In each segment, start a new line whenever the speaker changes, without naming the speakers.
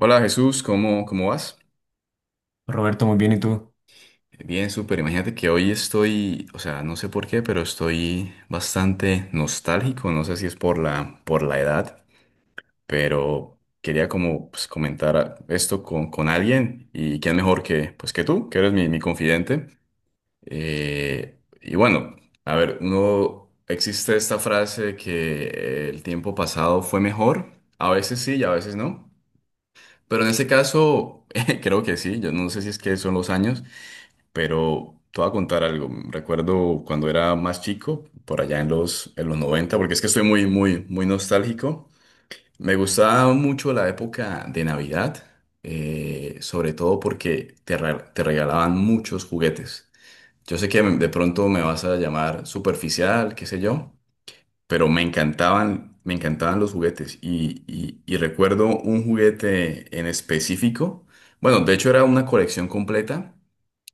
Hola Jesús, ¿cómo vas?
Roberto, muy bien, ¿y tú?
Bien, súper. Imagínate que hoy estoy, o sea, no sé por qué, pero estoy bastante nostálgico. No sé si es por la, edad, pero quería como pues, esto con alguien y quién mejor que, pues, que tú, que eres mi confidente. Y bueno, a ver, uno, existe esta frase de que el tiempo pasado fue mejor. A veces sí y a veces no. Pero en este caso, creo que sí. Yo no sé si es que son los años. Pero te voy a contar algo. Recuerdo cuando era más chico, por allá en los noventa, porque es que estoy muy, muy, muy nostálgico. Me gustaba mucho la época de Navidad, sobre todo porque te regalaban muchos juguetes. Yo sé que de pronto me vas a llamar superficial, qué sé yo, pero me encantaban los juguetes. Y recuerdo un juguete en específico. Bueno, de hecho era una colección completa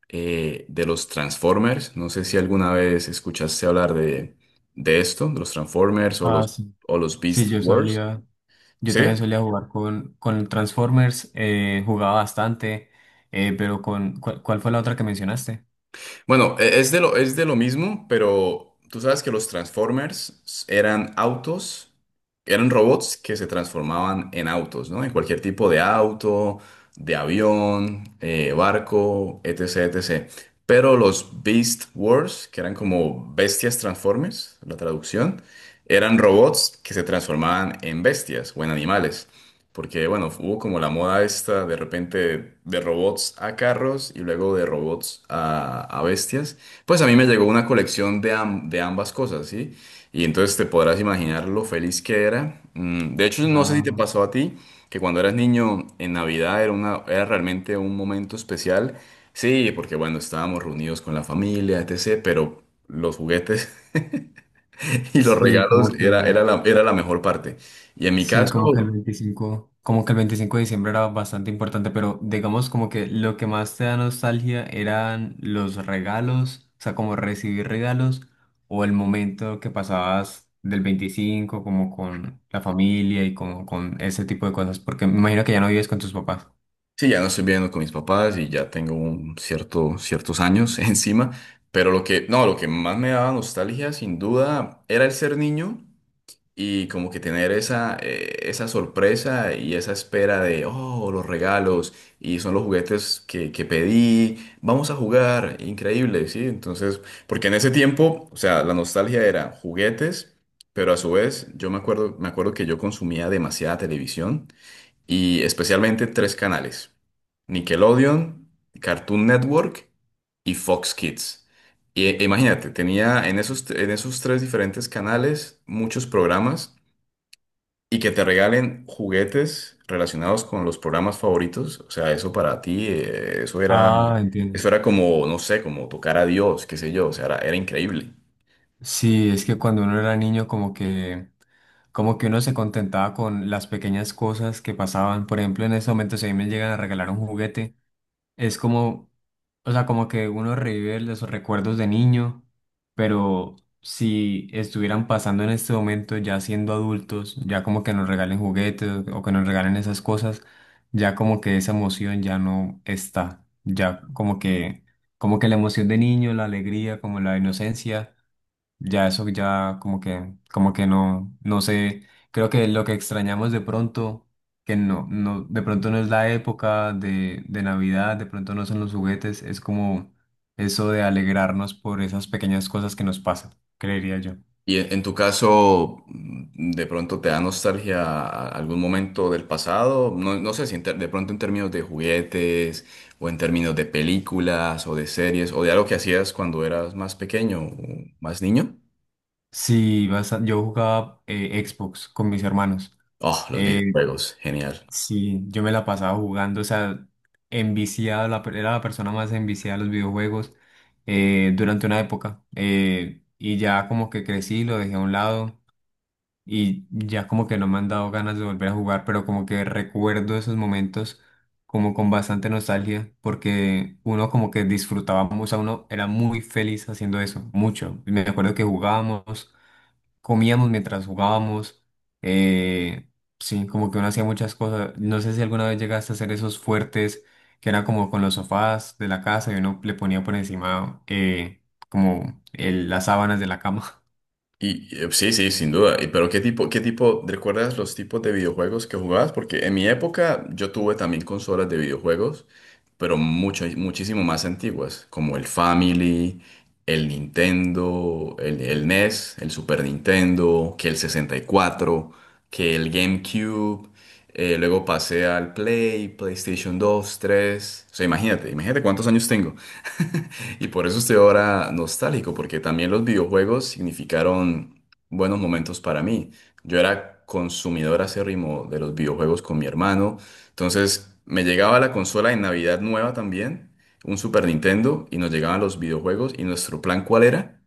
de los Transformers. No sé si alguna vez escuchaste hablar de, esto, de los Transformers o
Ah,
los,
sí.
o los
Sí,
Beast
yo
Wars.
solía, yo
¿Sí?
también solía jugar con Transformers, jugaba bastante, pero con, ¿cuál fue la otra que mencionaste?
Bueno, es de lo mismo, pero tú sabes que los Transformers eran autos, eran robots que se transformaban en autos, ¿no? En cualquier tipo de auto, de avión, barco, etcétera. Etc. Pero los Beast Wars, que eran como bestias Transformers, la traducción, eran robots que se transformaban en bestias o en animales. Porque, bueno, hubo como la moda esta de repente de robots a carros y luego de robots a bestias. Pues a mí me llegó una colección de, de ambas cosas, ¿sí? Y entonces te podrás imaginar lo feliz que era. De hecho, no sé si te
Ah,
pasó a ti, que cuando eras niño en Navidad era realmente un momento especial. Sí, porque bueno, estábamos reunidos con la familia, etc., pero los juguetes y los
sí,
regalos
como que
era la mejor parte. Y en mi
Sí, Como que el
caso,
veinticinco como que el veinticinco de diciembre era bastante importante, pero digamos como que lo que más te da nostalgia eran los regalos, o sea, como recibir regalos o el momento que pasabas del 25 como con la familia y como con ese tipo de cosas, porque me imagino que ya no vives con tus papás.
sí, ya no estoy viviendo con mis papás y ya tengo ciertos años encima, pero lo que, no, lo que más me daba nostalgia, sin duda, era el ser niño y como que tener esa, esa sorpresa y esa espera de, oh, los regalos y son los juguetes que, pedí, vamos a jugar, increíble, ¿sí? Entonces, porque en ese tiempo, o sea, la nostalgia era juguetes, pero a su vez, yo me acuerdo que yo consumía demasiada televisión y especialmente tres canales, Nickelodeon, Cartoon Network y Fox Kids. Imagínate, tenía en esos tres diferentes canales muchos programas y que te regalen juguetes relacionados con los programas favoritos. O sea, eso para ti, eso era.
Ah,
Mm.
entiendo.
Eso era como, no sé, como tocar a Dios, qué sé yo, o sea, era, era increíble.
Sí, es que cuando uno era niño como que uno se contentaba con las pequeñas cosas que pasaban. Por ejemplo, en ese momento si a mí me llegan a regalar un juguete, Es como, o sea, como que uno revive los recuerdos de niño, pero si estuvieran pasando en este momento ya siendo adultos, ya como que nos regalen juguetes o que nos regalen esas cosas, ya como que esa emoción ya no está, ya como que la emoción de niño, la alegría, como la inocencia. Ya eso ya como que no, no sé, creo que lo que extrañamos de pronto, que no, de pronto no es la época de Navidad, de pronto no son los juguetes, es como eso de alegrarnos por esas pequeñas cosas que nos pasan, creería yo.
Y en tu caso, de pronto te da nostalgia a algún momento del pasado, no sé si de pronto en términos de juguetes o en términos de películas o de series o de algo que hacías cuando eras más pequeño o más niño.
Sí, yo jugaba Xbox con mis hermanos.
Oh, los
Eh,
videojuegos, genial.
Sí, yo me la pasaba jugando, o sea, enviciado, era la persona más enviciada de los videojuegos durante una época. Y ya como que crecí, lo dejé a un lado y ya como que no me han dado ganas de volver a jugar, pero como que recuerdo esos momentos como con bastante nostalgia, porque uno como que disfrutaba, o sea, uno era muy feliz haciendo eso, mucho. Me acuerdo que jugábamos comíamos mientras jugábamos. eh, sí, como que uno hacía muchas cosas. No sé si alguna vez llegaste a hacer esos fuertes que eran como con los sofás de la casa y uno le ponía por encima como las sábanas de la cama.
Sí, sí, sin duda. Pero ¿qué tipo, recuerdas los tipos de videojuegos que jugabas? Porque en mi época yo tuve también consolas de videojuegos, pero mucho, muchísimo más antiguas, como el Family, el Nintendo, el NES, el Super Nintendo, que el 64, que el GameCube. Luego PlayStation 2 tres. O sea, imagínate cuántos años tengo. Y por eso estoy ahora nostálgico, porque también los videojuegos significaron buenos momentos para mí. Yo era consumidor acérrimo de los videojuegos con mi hermano. Entonces me llegaba la consola de Navidad nueva también, un Super Nintendo, y nos llegaban los videojuegos. ¿Y nuestro plan cuál era?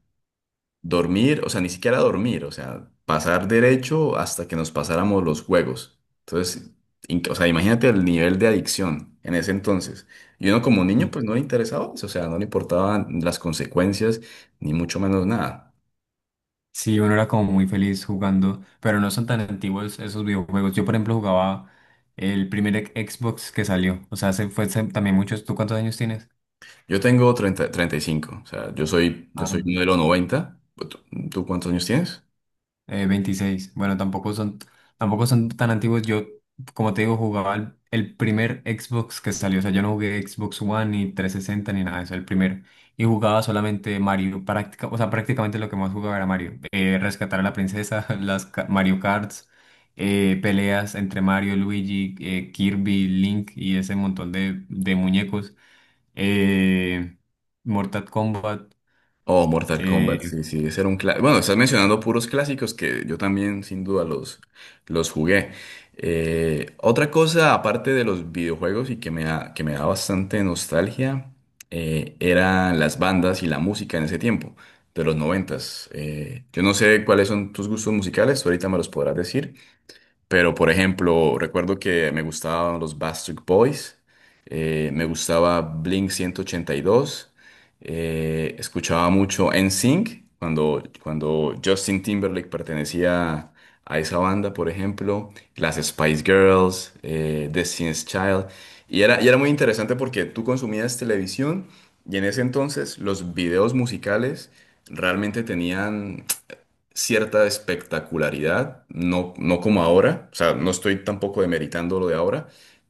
Dormir, o sea, ni siquiera dormir, o sea, pasar derecho hasta que nos pasáramos los juegos. Entonces, o sea, imagínate el nivel de adicción en ese entonces. Y uno como niño,
Sí,
pues no le interesaba eso, o sea, no le importaban las consecuencias, ni mucho menos nada.
sí, uno era como muy feliz jugando, pero no son tan antiguos esos videojuegos. Yo, por ejemplo, jugaba el primer Xbox que salió. O sea, se fue hace también muchos. ¿Tú cuántos años tienes?
Yo tengo 35, o sea, yo soy, yo
Ah.
soy modelo noventa. ¿Tú cuántos años tienes?
26. Bueno, tampoco son tan antiguos. Yo, como te digo, jugaba el primer Xbox que salió. O sea, yo no jugué Xbox One ni 360 ni nada de eso, el primero. Y jugaba solamente Mario. O sea, prácticamente lo que más jugaba era Mario. Rescatar a la princesa, Mario Karts, peleas entre Mario, Luigi, Kirby, Link y ese montón de muñecos. Eh, Mortal Kombat.
Oh, Mortal Kombat,
eh,
sí, sí, ese era un clásico. Bueno, estás mencionando puros clásicos que yo también sin duda los, jugué. Otra cosa, aparte de los videojuegos y que me da bastante nostalgia, eran las bandas y la música en ese tiempo, de los noventas. Yo no sé cuáles son tus gustos musicales, tú ahorita me los podrás decir, pero, por ejemplo, recuerdo que me gustaban los Backstreet Boys, me gustaba Blink 182, escuchaba mucho NSYNC cuando Justin Timberlake pertenecía a esa banda, por ejemplo, las Spice Girls, Destiny's Child. Y era muy interesante porque tú consumías televisión y en ese entonces los videos musicales realmente tenían cierta espectacularidad, no, no como ahora, o sea, no estoy tampoco demeritando lo de ahora,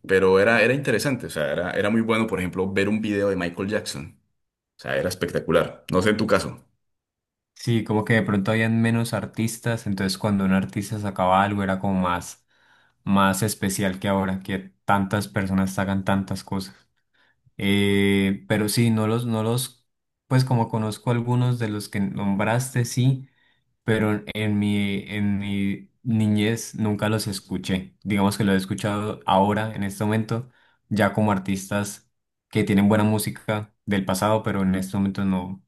pero era interesante, o sea, era muy bueno, por ejemplo, ver un video de Michael Jackson, o sea, era espectacular, no sé en tu caso.
Sí, como que de pronto habían menos artistas, entonces cuando un artista sacaba algo era como más especial que ahora, que tantas personas sacan tantas cosas. Pero sí, no los, no los, pues como conozco algunos de los que nombraste, sí, pero en mi niñez nunca los escuché. Digamos que los he escuchado ahora, en este momento, ya como artistas que tienen buena música del pasado, pero en este momento no,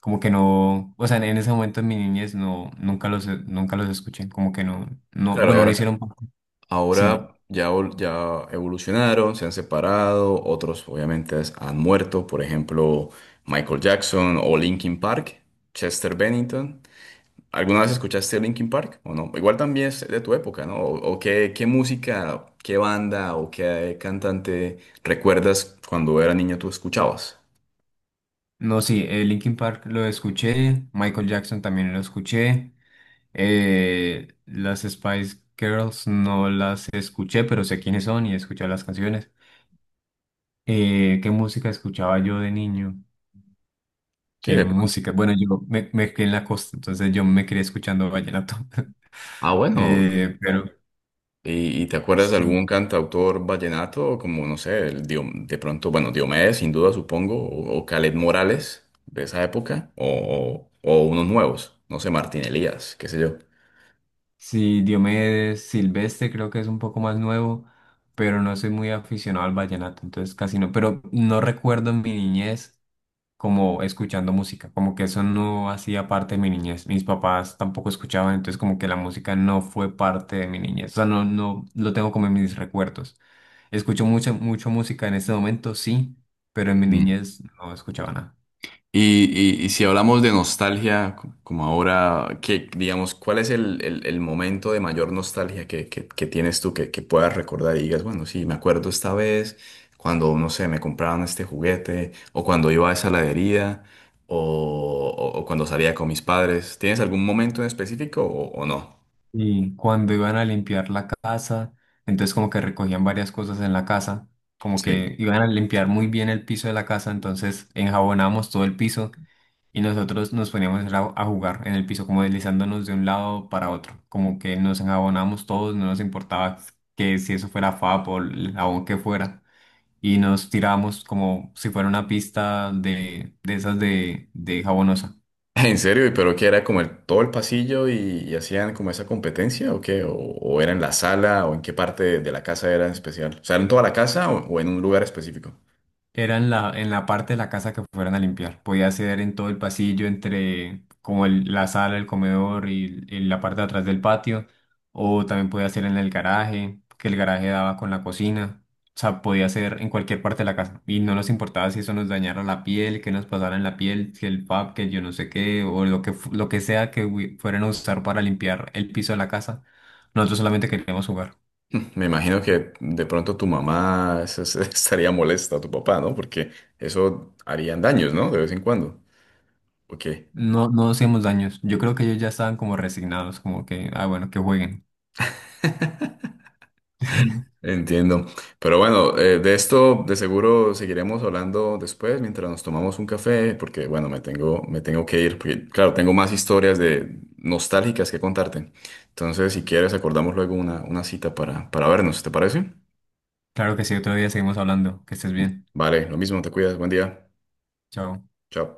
como que no, o sea, en ese momento en mi niñez no, nunca los escuché, como que no, no,
Claro,
bueno, no hicieron, parte. Sí.
ahora ya, ya evolucionaron, se han separado, otros obviamente han muerto, por ejemplo, Michael Jackson o Linkin Park, Chester Bennington. ¿Alguna vez escuchaste Linkin Park o no? Igual también es de tu época, ¿no? ¿O qué, música, qué banda o qué cantante recuerdas cuando era niño tú escuchabas?
No, sí, Linkin Park lo escuché, Michael Jackson también lo escuché. Las Spice Girls no las escuché, pero sé quiénes son y he escuchado las canciones. ¿Qué música escuchaba yo de niño?
Sí,
¿Qué
de pronto.
música? Bueno, yo me crié en la costa, entonces yo me crié escuchando vallenato.
Ah, bueno.
Pero
¿Y te acuerdas de
sí,
algún cantautor vallenato como, no sé, de pronto, bueno, Diomedes, sin duda, supongo, o Kaleth Morales de esa época, o, o unos nuevos, no sé, Martín Elías, qué sé yo.
sí, Diomedes, Silvestre creo que es un poco más nuevo, pero no soy muy aficionado al vallenato, entonces casi no. Pero no recuerdo en mi niñez, como escuchando música, como que eso no hacía parte de mi niñez. Mis papás tampoco escuchaban, entonces como que la música no fue parte de mi niñez. O sea, no, no lo tengo como en mis recuerdos. Escucho mucha, mucho música en este momento, sí, pero en mi niñez no escuchaba nada.
Y, y si hablamos de nostalgia, como ahora, que digamos, ¿cuál es el, el momento de mayor nostalgia que, que tienes tú, que, puedas recordar y digas, bueno, sí, me acuerdo esta vez cuando, no sé, me compraron este juguete, o cuando iba a esa heladería, o, o cuando salía con mis padres? ¿Tienes algún momento en específico o, no?
Y cuando iban a limpiar la casa, entonces como que recogían varias cosas en la casa, como
Sí.
que iban a limpiar muy bien el piso de la casa, entonces enjabonábamos todo el piso. Y nosotros nos poníamos a jugar en el piso, como deslizándonos de un lado para otro, como que nos enjabonábamos todos, no nos importaba que si eso fuera FAP o el jabón que fuera, y nos tirábamos como si fuera una pista de esas de jabonosa.
En serio, ¿y pero qué era como todo el pasillo y hacían como esa competencia o qué? ¿O era en la sala o en qué parte de, la casa era especial? O sea, ¿en toda la casa o en un lugar específico?
Era en la parte de la casa que fueran a limpiar. Podía ser en todo el pasillo, entre como la sala, el comedor y la parte de atrás del patio. O también podía hacer en el garaje, que el garaje daba con la cocina. O sea, podía hacer en cualquier parte de la casa. Y no nos importaba si eso nos dañara la piel, que nos pasara en la piel, si que yo no sé qué, o lo que, lo que sea que fueran a usar para limpiar el piso de la casa. Nosotros solamente queríamos jugar.
Me imagino que de pronto tu mamá se estaría molesta, tu papá, ¿no? Porque eso harían daños, ¿no? De vez en cuando. ¿O qué?
No, no hacíamos daños. Yo creo que ellos ya estaban como resignados, como que, ah, bueno, que jueguen.
Entiendo. Pero bueno, de esto de seguro seguiremos hablando después mientras nos tomamos un café, porque bueno, me tengo que ir, porque claro, tengo más historias de nostálgicas que contarte. Entonces, si quieres, acordamos luego una, cita para vernos, ¿te parece?
Claro que sí, otro día seguimos hablando. Que estés bien.
Vale, lo mismo, te cuidas, buen día.
Chao.
Chao.